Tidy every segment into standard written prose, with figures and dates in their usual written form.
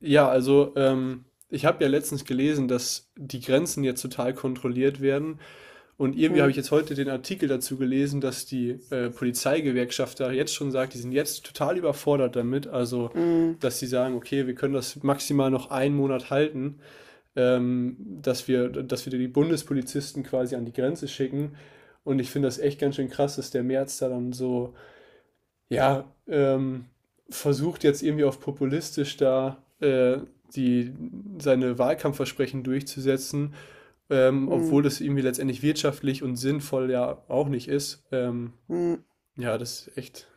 Ich habe ja letztens gelesen, dass die Grenzen jetzt total kontrolliert werden. Und irgendwie habe Mhm, ich jetzt heute den Artikel dazu gelesen, dass die Polizeigewerkschaft da jetzt schon sagt, die sind jetzt total überfordert damit. Also, mhm, dass sie sagen, okay, wir können das maximal noch einen Monat halten, ähm, dass wir die Bundespolizisten quasi an die Grenze schicken. Und ich finde das echt ganz schön krass, dass der März da dann so ja, versucht jetzt irgendwie auf populistisch da die, seine Wahlkampfversprechen durchzusetzen, obwohl mhm, das irgendwie letztendlich wirtschaftlich und sinnvoll ja auch nicht ist. Mhm. Ja, das ist echt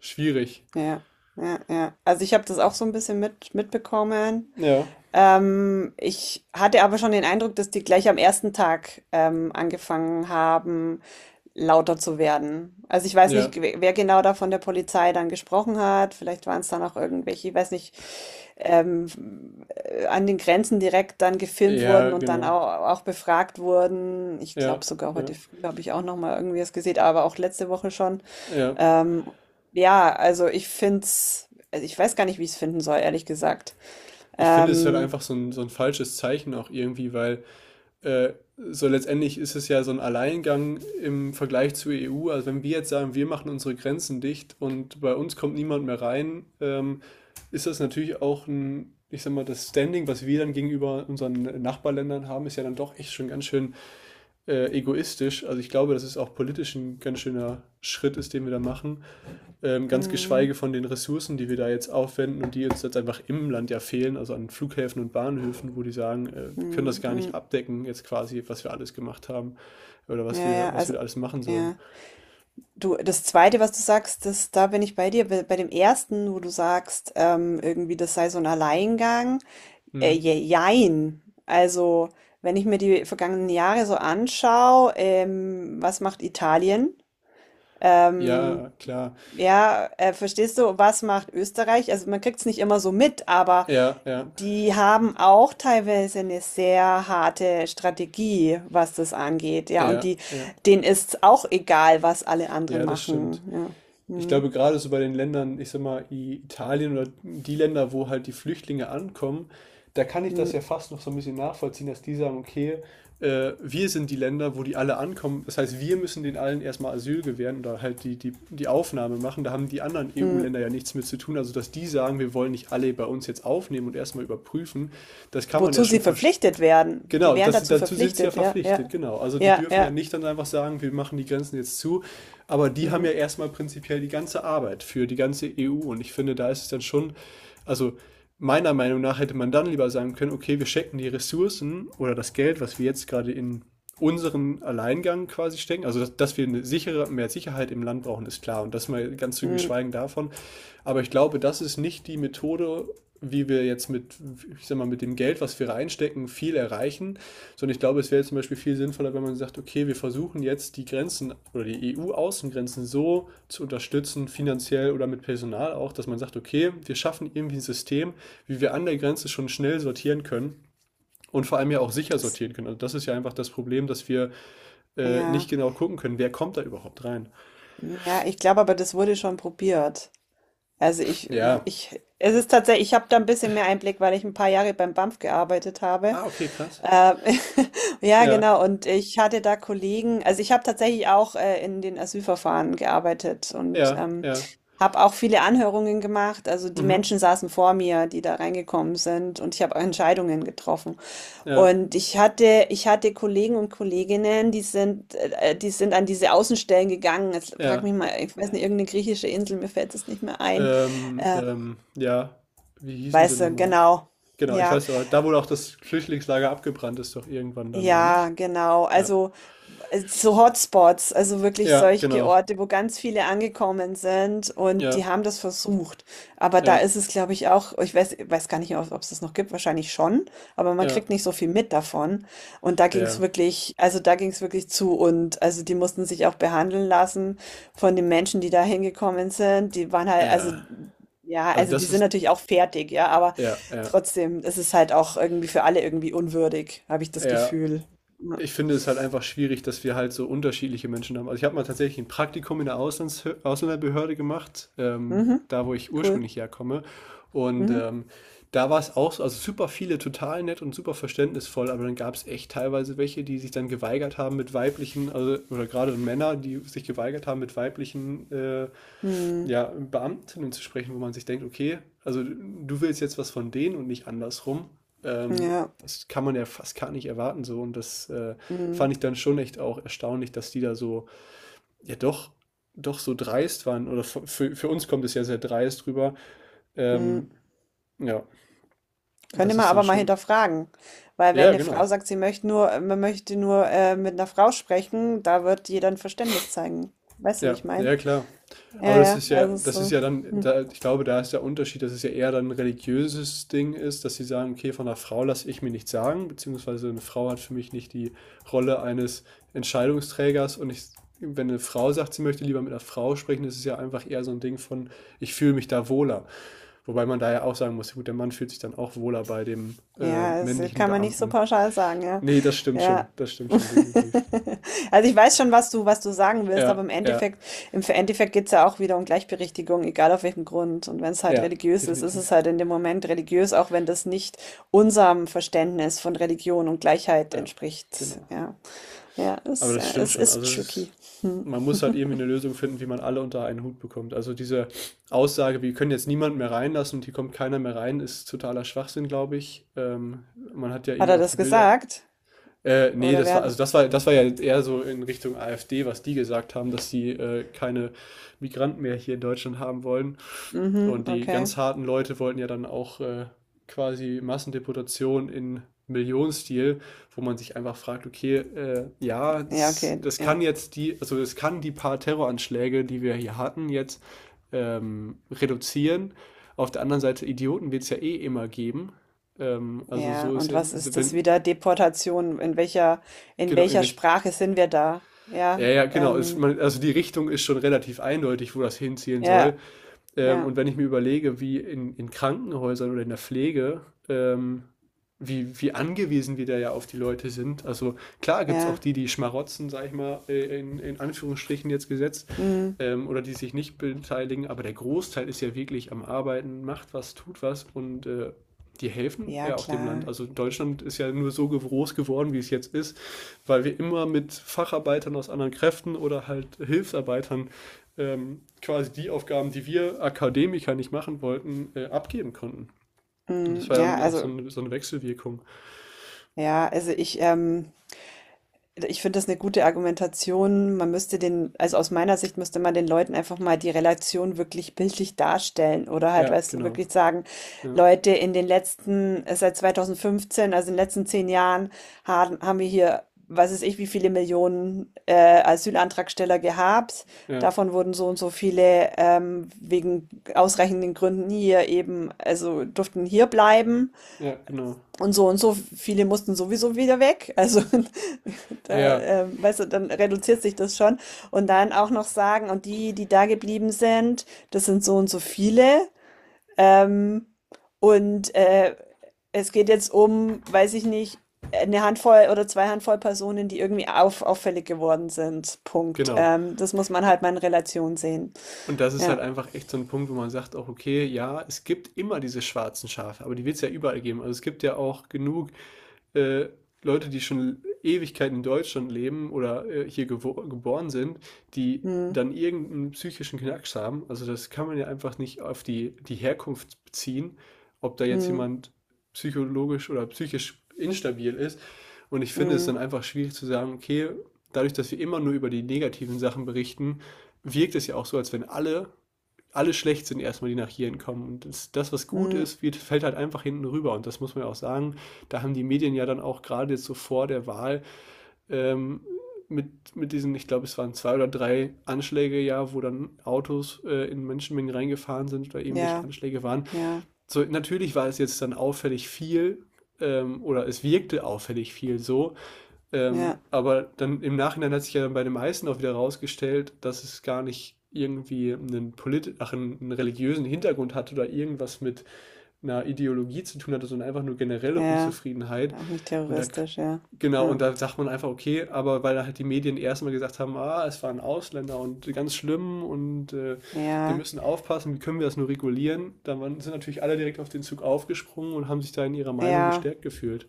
schwierig. Ja, ja, ja. Also ich habe das auch so ein bisschen mitbekommen. Ja, Ich hatte aber schon den Eindruck, dass die gleich am ersten Tag angefangen haben, lauter zu werden. Also ich weiß ja, nicht, wer genau da von der Polizei dann gesprochen hat. Vielleicht waren es dann auch irgendwelche, ich weiß nicht, ähm, an den Grenzen direkt dann gefilmt ja, wurden und dann genau. auch befragt wurden. Ich Ja, glaube sogar ja, heute früh habe ich auch noch mal irgendwie was gesehen, aber auch letzte Woche schon. ja. Ähm, ja, also ich find's, also ich weiß gar nicht, wie ich es finden soll, ehrlich gesagt. Ich finde, es ist halt Ähm, einfach so ein falsches Zeichen auch irgendwie, weil so letztendlich ist es ja so ein Alleingang im Vergleich zur EU. Also wenn wir jetzt sagen, wir machen unsere Grenzen dicht und bei uns kommt niemand mehr rein, ist das natürlich auch ein, ich sag mal, das Standing, was wir dann gegenüber unseren Nachbarländern haben, ist ja dann doch echt schon ganz schön egoistisch. Also ich glaube, dass es auch politisch ein ganz schöner Schritt ist, den wir da machen. Ganz mm, geschweige von den Ressourcen, die wir da jetzt aufwenden und die uns jetzt einfach im Land ja fehlen, also an Flughäfen und Bahnhöfen, wo die sagen, wir können das mm, gar nicht mm, abdecken, jetzt quasi, was wir alles gemacht haben oder was ja, ja, wir, was wir also, da alles machen sollen. ja. Du, das Zweite, was du sagst, das, da bin ich bei dir. Bei dem Ersten, wo du sagst, irgendwie, das sei so ein Alleingang. Äh, Hm. je- jein. Also, wenn ich mir die vergangenen Jahre so anschaue, was macht Italien? Ähm, Ja, klar. Ja, verstehst du, was macht Österreich? Also man kriegt es nicht immer so mit, aber Ja, ja, die haben auch teilweise eine sehr harte Strategie, was das angeht. Ja, und ja, ja. denen ist auch egal, was alle anderen Ja, das machen. stimmt. Ja. Ich Hm, glaube, gerade so bei den Ländern, ich sag mal, Italien oder die Länder, wo halt die Flüchtlinge ankommen, da kann ich hm, das ja fast noch so ein bisschen nachvollziehen, dass die sagen, okay, wir sind die Länder, wo die alle ankommen. Das heißt, wir müssen den allen erstmal Asyl gewähren oder halt die Aufnahme machen. Da haben die anderen hm. EU-Länder ja nichts mit zu tun. Also, dass die sagen, wir wollen nicht alle bei uns jetzt aufnehmen und erstmal überprüfen, das kann man Wozu ja sie schon verstehen. verpflichtet werden. Die Genau, wären dazu dazu sind sie ja verpflichtet. Ja, verpflichtet, ja, genau. Also die ja, dürfen ja ja. nicht dann einfach sagen, wir machen die Grenzen jetzt zu, aber die haben Hm, ja erstmal prinzipiell die ganze Arbeit für die ganze EU und ich finde, da ist es dann schon, also meiner Meinung nach hätte man dann lieber sagen können, okay, wir stecken die Ressourcen oder das Geld, was wir jetzt gerade in unseren Alleingang quasi stecken, also dass wir eine sichere, mehr Sicherheit im Land brauchen, ist klar und das mal ganz zu hm. geschweigen davon, aber ich glaube, das ist nicht die Methode, wie wir jetzt ich sag mal, mit dem Geld, was wir reinstecken, viel erreichen, sondern ich glaube, es wäre zum Beispiel viel sinnvoller, wenn man sagt, okay, wir versuchen jetzt die Grenzen oder die EU-Außengrenzen so zu unterstützen, finanziell oder mit Personal auch, dass man sagt, okay, wir schaffen irgendwie ein System, wie wir an der Grenze schon schnell sortieren können und vor allem ja auch sicher Das, sortieren können. Also das ist ja einfach das Problem, dass wir ja, nicht genau gucken können, wer kommt da überhaupt rein. hm, ja. Ich glaube, aber das wurde schon probiert. Also Ja. Es ist tatsächlich, ich habe da ein bisschen mehr Einblick, weil ich ein paar Jahre beim BAMF gearbeitet habe. Ah, okay, krass. Ähm, ja, Ja, genau. Und ich hatte, da Kollegen, also ich habe tatsächlich auch in den Asylverfahren gearbeitet und ja, ja. habe auch viele Anhörungen gemacht. Also die Mhm. Menschen saßen vor mir, die da reingekommen sind und ich habe Entscheidungen getroffen. Ja, Und ich hatte Kollegen und Kolleginnen, die sind an diese Außenstellen gegangen. Jetzt frag ja. mich mal, ich weiß nicht, irgendeine griechische Insel, mir fällt es nicht mehr ein. Äh, Ja. Wie hießen sie weißt du, nochmal? genau. Genau, ich Ja. weiß aber, da wurde auch das Flüchtlingslager abgebrannt ist doch irgendwann dann, oder Ja, nicht? genau. Ja. Also so Hotspots, also wirklich Ja, solche genau. Orte, wo ganz viele angekommen sind und Ja, die haben das versucht. Aber da ja, ist es, glaube ich, auch, ich weiß gar nicht, ob es das noch gibt, wahrscheinlich schon, aber man ja, kriegt nicht so viel mit davon. Und da ging es ja, wirklich, also da ging es wirklich zu und also die mussten sich auch behandeln lassen von den Menschen, die da hingekommen sind. Die waren halt, also ja. ja, Also also die das sind ist, natürlich auch fertig, ja, aber ja, ja, trotzdem, es ist halt auch irgendwie für alle irgendwie unwürdig, habe ich das ja. Gefühl. Ja. Ich finde es halt einfach schwierig, dass wir halt so unterschiedliche Menschen haben. Also ich habe mal tatsächlich ein Praktikum in der Auslands Ausländerbehörde gemacht, Mhm, da wo ich cool. ursprünglich herkomme. Und Mhm. ähm, da war es auch so, also super viele total nett und super verständnisvoll, aber dann gab es echt teilweise welche, die sich dann geweigert haben mit weiblichen, also oder gerade Männer, die sich geweigert haben mit weiblichen Mhm. ja, Beamtinnen zu sprechen, wo man sich denkt, okay, also du willst jetzt was von denen und nicht andersrum. Ähm, Ja. Das kann man ja fast gar nicht erwarten so und das Mhm. fand ich dann schon echt auch erstaunlich, dass die da so, ja doch, doch so dreist waren oder für uns kommt es ja sehr dreist rüber. Mhm. Ähm, ja, Könnte das man ist dann aber mal schon, hinterfragen, weil wenn ja eine genau, Frau sagt, man möchte nur mit einer Frau sprechen, da wird jeder ein Verständnis zeigen. Weißt du, wie ja, ich meine? ja klar. Ja, Aber ja, also das ist so. ja dann, Hm. da, ich glaube, da ist der Unterschied, dass es ja eher dann ein religiöses Ding ist, dass sie sagen, okay, von einer Frau lasse ich mir nichts sagen, beziehungsweise eine Frau hat für mich nicht die Rolle eines Entscheidungsträgers wenn eine Frau sagt, sie möchte lieber mit einer Frau sprechen, ist es ja einfach eher so ein Ding von, ich fühle mich da wohler. Wobei man da ja auch sagen muss, ja gut, der Mann fühlt sich dann auch wohler bei dem Ja, das männlichen kann man nicht so Beamten. pauschal sagen, ja. Nee, Ja. das stimmt schon, definitiv. Also ich weiß schon, was du sagen willst, aber Ja, ja, im Endeffekt geht es ja auch wieder um Gleichberechtigung, egal auf welchem Grund. Und wenn es halt ja, religiös ist, ist definitiv. es halt in dem Moment religiös, auch wenn das nicht unserem Verständnis von Religion und Gleichheit Ja, entspricht. genau. Ja, Aber das ja, stimmt es schon. ist Also es ist, tricky. Hm. man muss halt irgendwie eine Lösung finden, wie man alle unter einen Hut bekommt. Also diese Aussage, wir können jetzt niemanden mehr reinlassen und hier kommt keiner mehr rein, ist totaler Schwachsinn, glaube ich. Man hat ja Hat irgendwie er auch das die Bilder gesagt? Nee, Oder wer das war, hat? also das war ja jetzt eher so in Richtung AfD, was die gesagt haben, dass sie keine Migranten mehr hier in Deutschland haben wollen. Mhm, Und die okay. ganz harten Leute wollten ja dann auch quasi Massendeportation in Millionenstil, wo man sich einfach fragt, okay, ja, Ja, okay, das ja. kann jetzt also das kann die paar Terroranschläge, die wir hier hatten, jetzt reduzieren. Auf der anderen Seite, Idioten wird es ja eh immer geben. Also Ja, so ist und ja, was ist das wenn, wieder? Deportation? In welcher, in genau, in welcher welch, Sprache sind wir da? Ja, Ja, ja, genau. Also die Richtung ist schon relativ eindeutig, wo das hinziehen soll. ja, ja, Und wenn ich mir überlege, wie in Krankenhäusern oder in der Pflege, ähm, wie angewiesen wir da ja auf die Leute sind. Also klar gibt es auch ja, die, die schmarotzen, sag ich mal, in Anführungsstrichen jetzt gesetzt, mm, oder die sich nicht beteiligen, aber der Großteil ist ja wirklich am Arbeiten, macht was, tut was und die helfen ja, ja auch dem Land. klar. Also Deutschland ist ja nur so groß geworden, wie es jetzt ist, weil wir immer mit Facharbeitern aus anderen Kräften oder halt Hilfsarbeitern quasi die Aufgaben, die wir Akademiker nicht machen wollten, abgeben konnten. Und das Mm, war ja dann auch so eine, so eine Wechselwirkung. ja, also ich finde das eine gute Argumentation. Also aus meiner Sicht müsste man den Leuten einfach mal die Relation wirklich bildlich darstellen oder halt, Ja, weißt du, genau. wirklich sagen, Ja, Leute, in den letzten, seit 2015, also in den letzten 10 Jahren, haben wir hier, was weiß ich, wie viele Millionen Asylantragsteller gehabt. ja, Davon wurden so und so viele wegen ausreichenden Gründen hier eben, also durften hier bleiben. ja, genau. Und so viele mussten sowieso wieder weg. Also da, Ja, weißt du, dann reduziert sich das schon. Und dann auch noch sagen, und die, die da geblieben sind, das sind so und so viele. Ähm, und äh, es geht jetzt um, weiß ich nicht, eine Handvoll oder zwei Handvoll Personen, die irgendwie auffällig geworden sind. Punkt. genau. Das muss man halt mal in Relation sehen. Und das ist halt Ja. einfach echt so ein Punkt, wo man sagt auch, okay, ja, es gibt immer diese schwarzen Schafe, aber die wird es ja überall geben. Also es gibt ja auch genug äh, Leute, die schon Ewigkeiten in Deutschland leben oder hier gewo geboren sind, die Hm, dann irgendeinen psychischen Knacks haben. Also das kann man ja einfach nicht auf die Herkunft beziehen, ob da jetzt hm, jemand psychologisch oder psychisch instabil ist. Und ich finde es dann hm, einfach schwierig zu sagen, okay, dadurch, dass wir immer nur über die negativen Sachen berichten, wirkt es ja auch so, als wenn alle alle schlecht sind erstmal, die nach Jiren kommen. Und was gut hm, ist, fällt halt einfach hinten rüber. Und das muss man ja auch sagen. Da haben die Medien ja dann auch gerade jetzt so vor der Wahl ähm, mit diesen, ich glaube, es waren zwei oder drei Anschläge ja, wo dann Autos in Menschenmengen reingefahren sind oder irgendwelche ja, Anschläge waren. ja, So, natürlich war es jetzt dann auffällig viel oder es wirkte auffällig viel so, ja, aber dann im Nachhinein hat sich ja dann bei dem Heißen auch wieder rausgestellt, dass es gar nicht irgendwie einen, polit ach, einen, einen religiösen Hintergrund hat oder irgendwas mit einer Ideologie zu tun hatte, sondern einfach nur generelle ja. Unzufriedenheit. Auch nicht Und da, terroristisch, ja. genau, und Ja. da sagt man einfach, okay, aber weil halt die Medien erstmal gesagt haben, ah, es waren Ausländer und ganz schlimm und wir Ja, müssen aufpassen, wie können wir das nur regulieren, dann sind natürlich alle direkt auf den Zug aufgesprungen und haben sich da in ihrer Meinung ja, gestärkt gefühlt.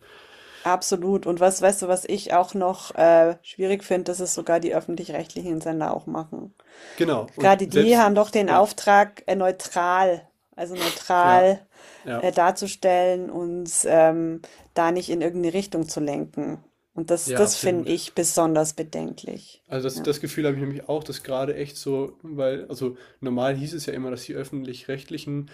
absolut. Und was, weißt du, was ich auch noch schwierig finde, dass es sogar die öffentlich-rechtlichen Sender auch machen. Genau, und Gerade die selbst, haben doch den ja. Auftrag, neutral, also Ja, neutral ja, darzustellen und da nicht in irgendeine Richtung zu lenken. Und das, ja, das finde absolut. ich besonders bedenklich. Also das, Ja. das Gefühl habe ich nämlich auch, dass gerade echt so, weil, also normal hieß es ja immer, dass die öffentlich-rechtlichen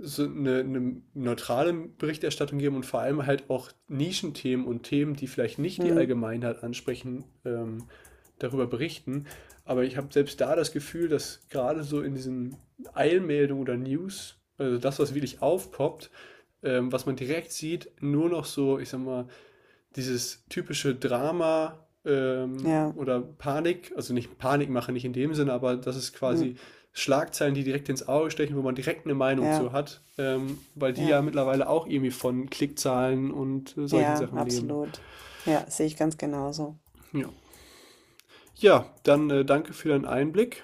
eine neutrale Berichterstattung geben und vor allem halt auch Nischenthemen und Themen, die vielleicht nicht die Hm, Allgemeinheit ansprechen, darüber berichten. Aber ich habe selbst da das Gefühl, dass gerade so in diesen Eilmeldungen oder News, also das, was wirklich aufpoppt, was man direkt sieht, nur noch so, ich sag mal, dieses typische Drama ja, oder Panik, also nicht Panik machen, nicht in dem Sinne, aber das ist hm, quasi Schlagzeilen, die direkt ins Auge stechen, wo man direkt eine Meinung ja, zu hat, weil die ja, ja mittlerweile auch irgendwie von Klickzahlen und solchen ja, Sachen leben. absolut. Ja, sehe ich ganz genauso. Ja, ja dann danke für deinen Einblick.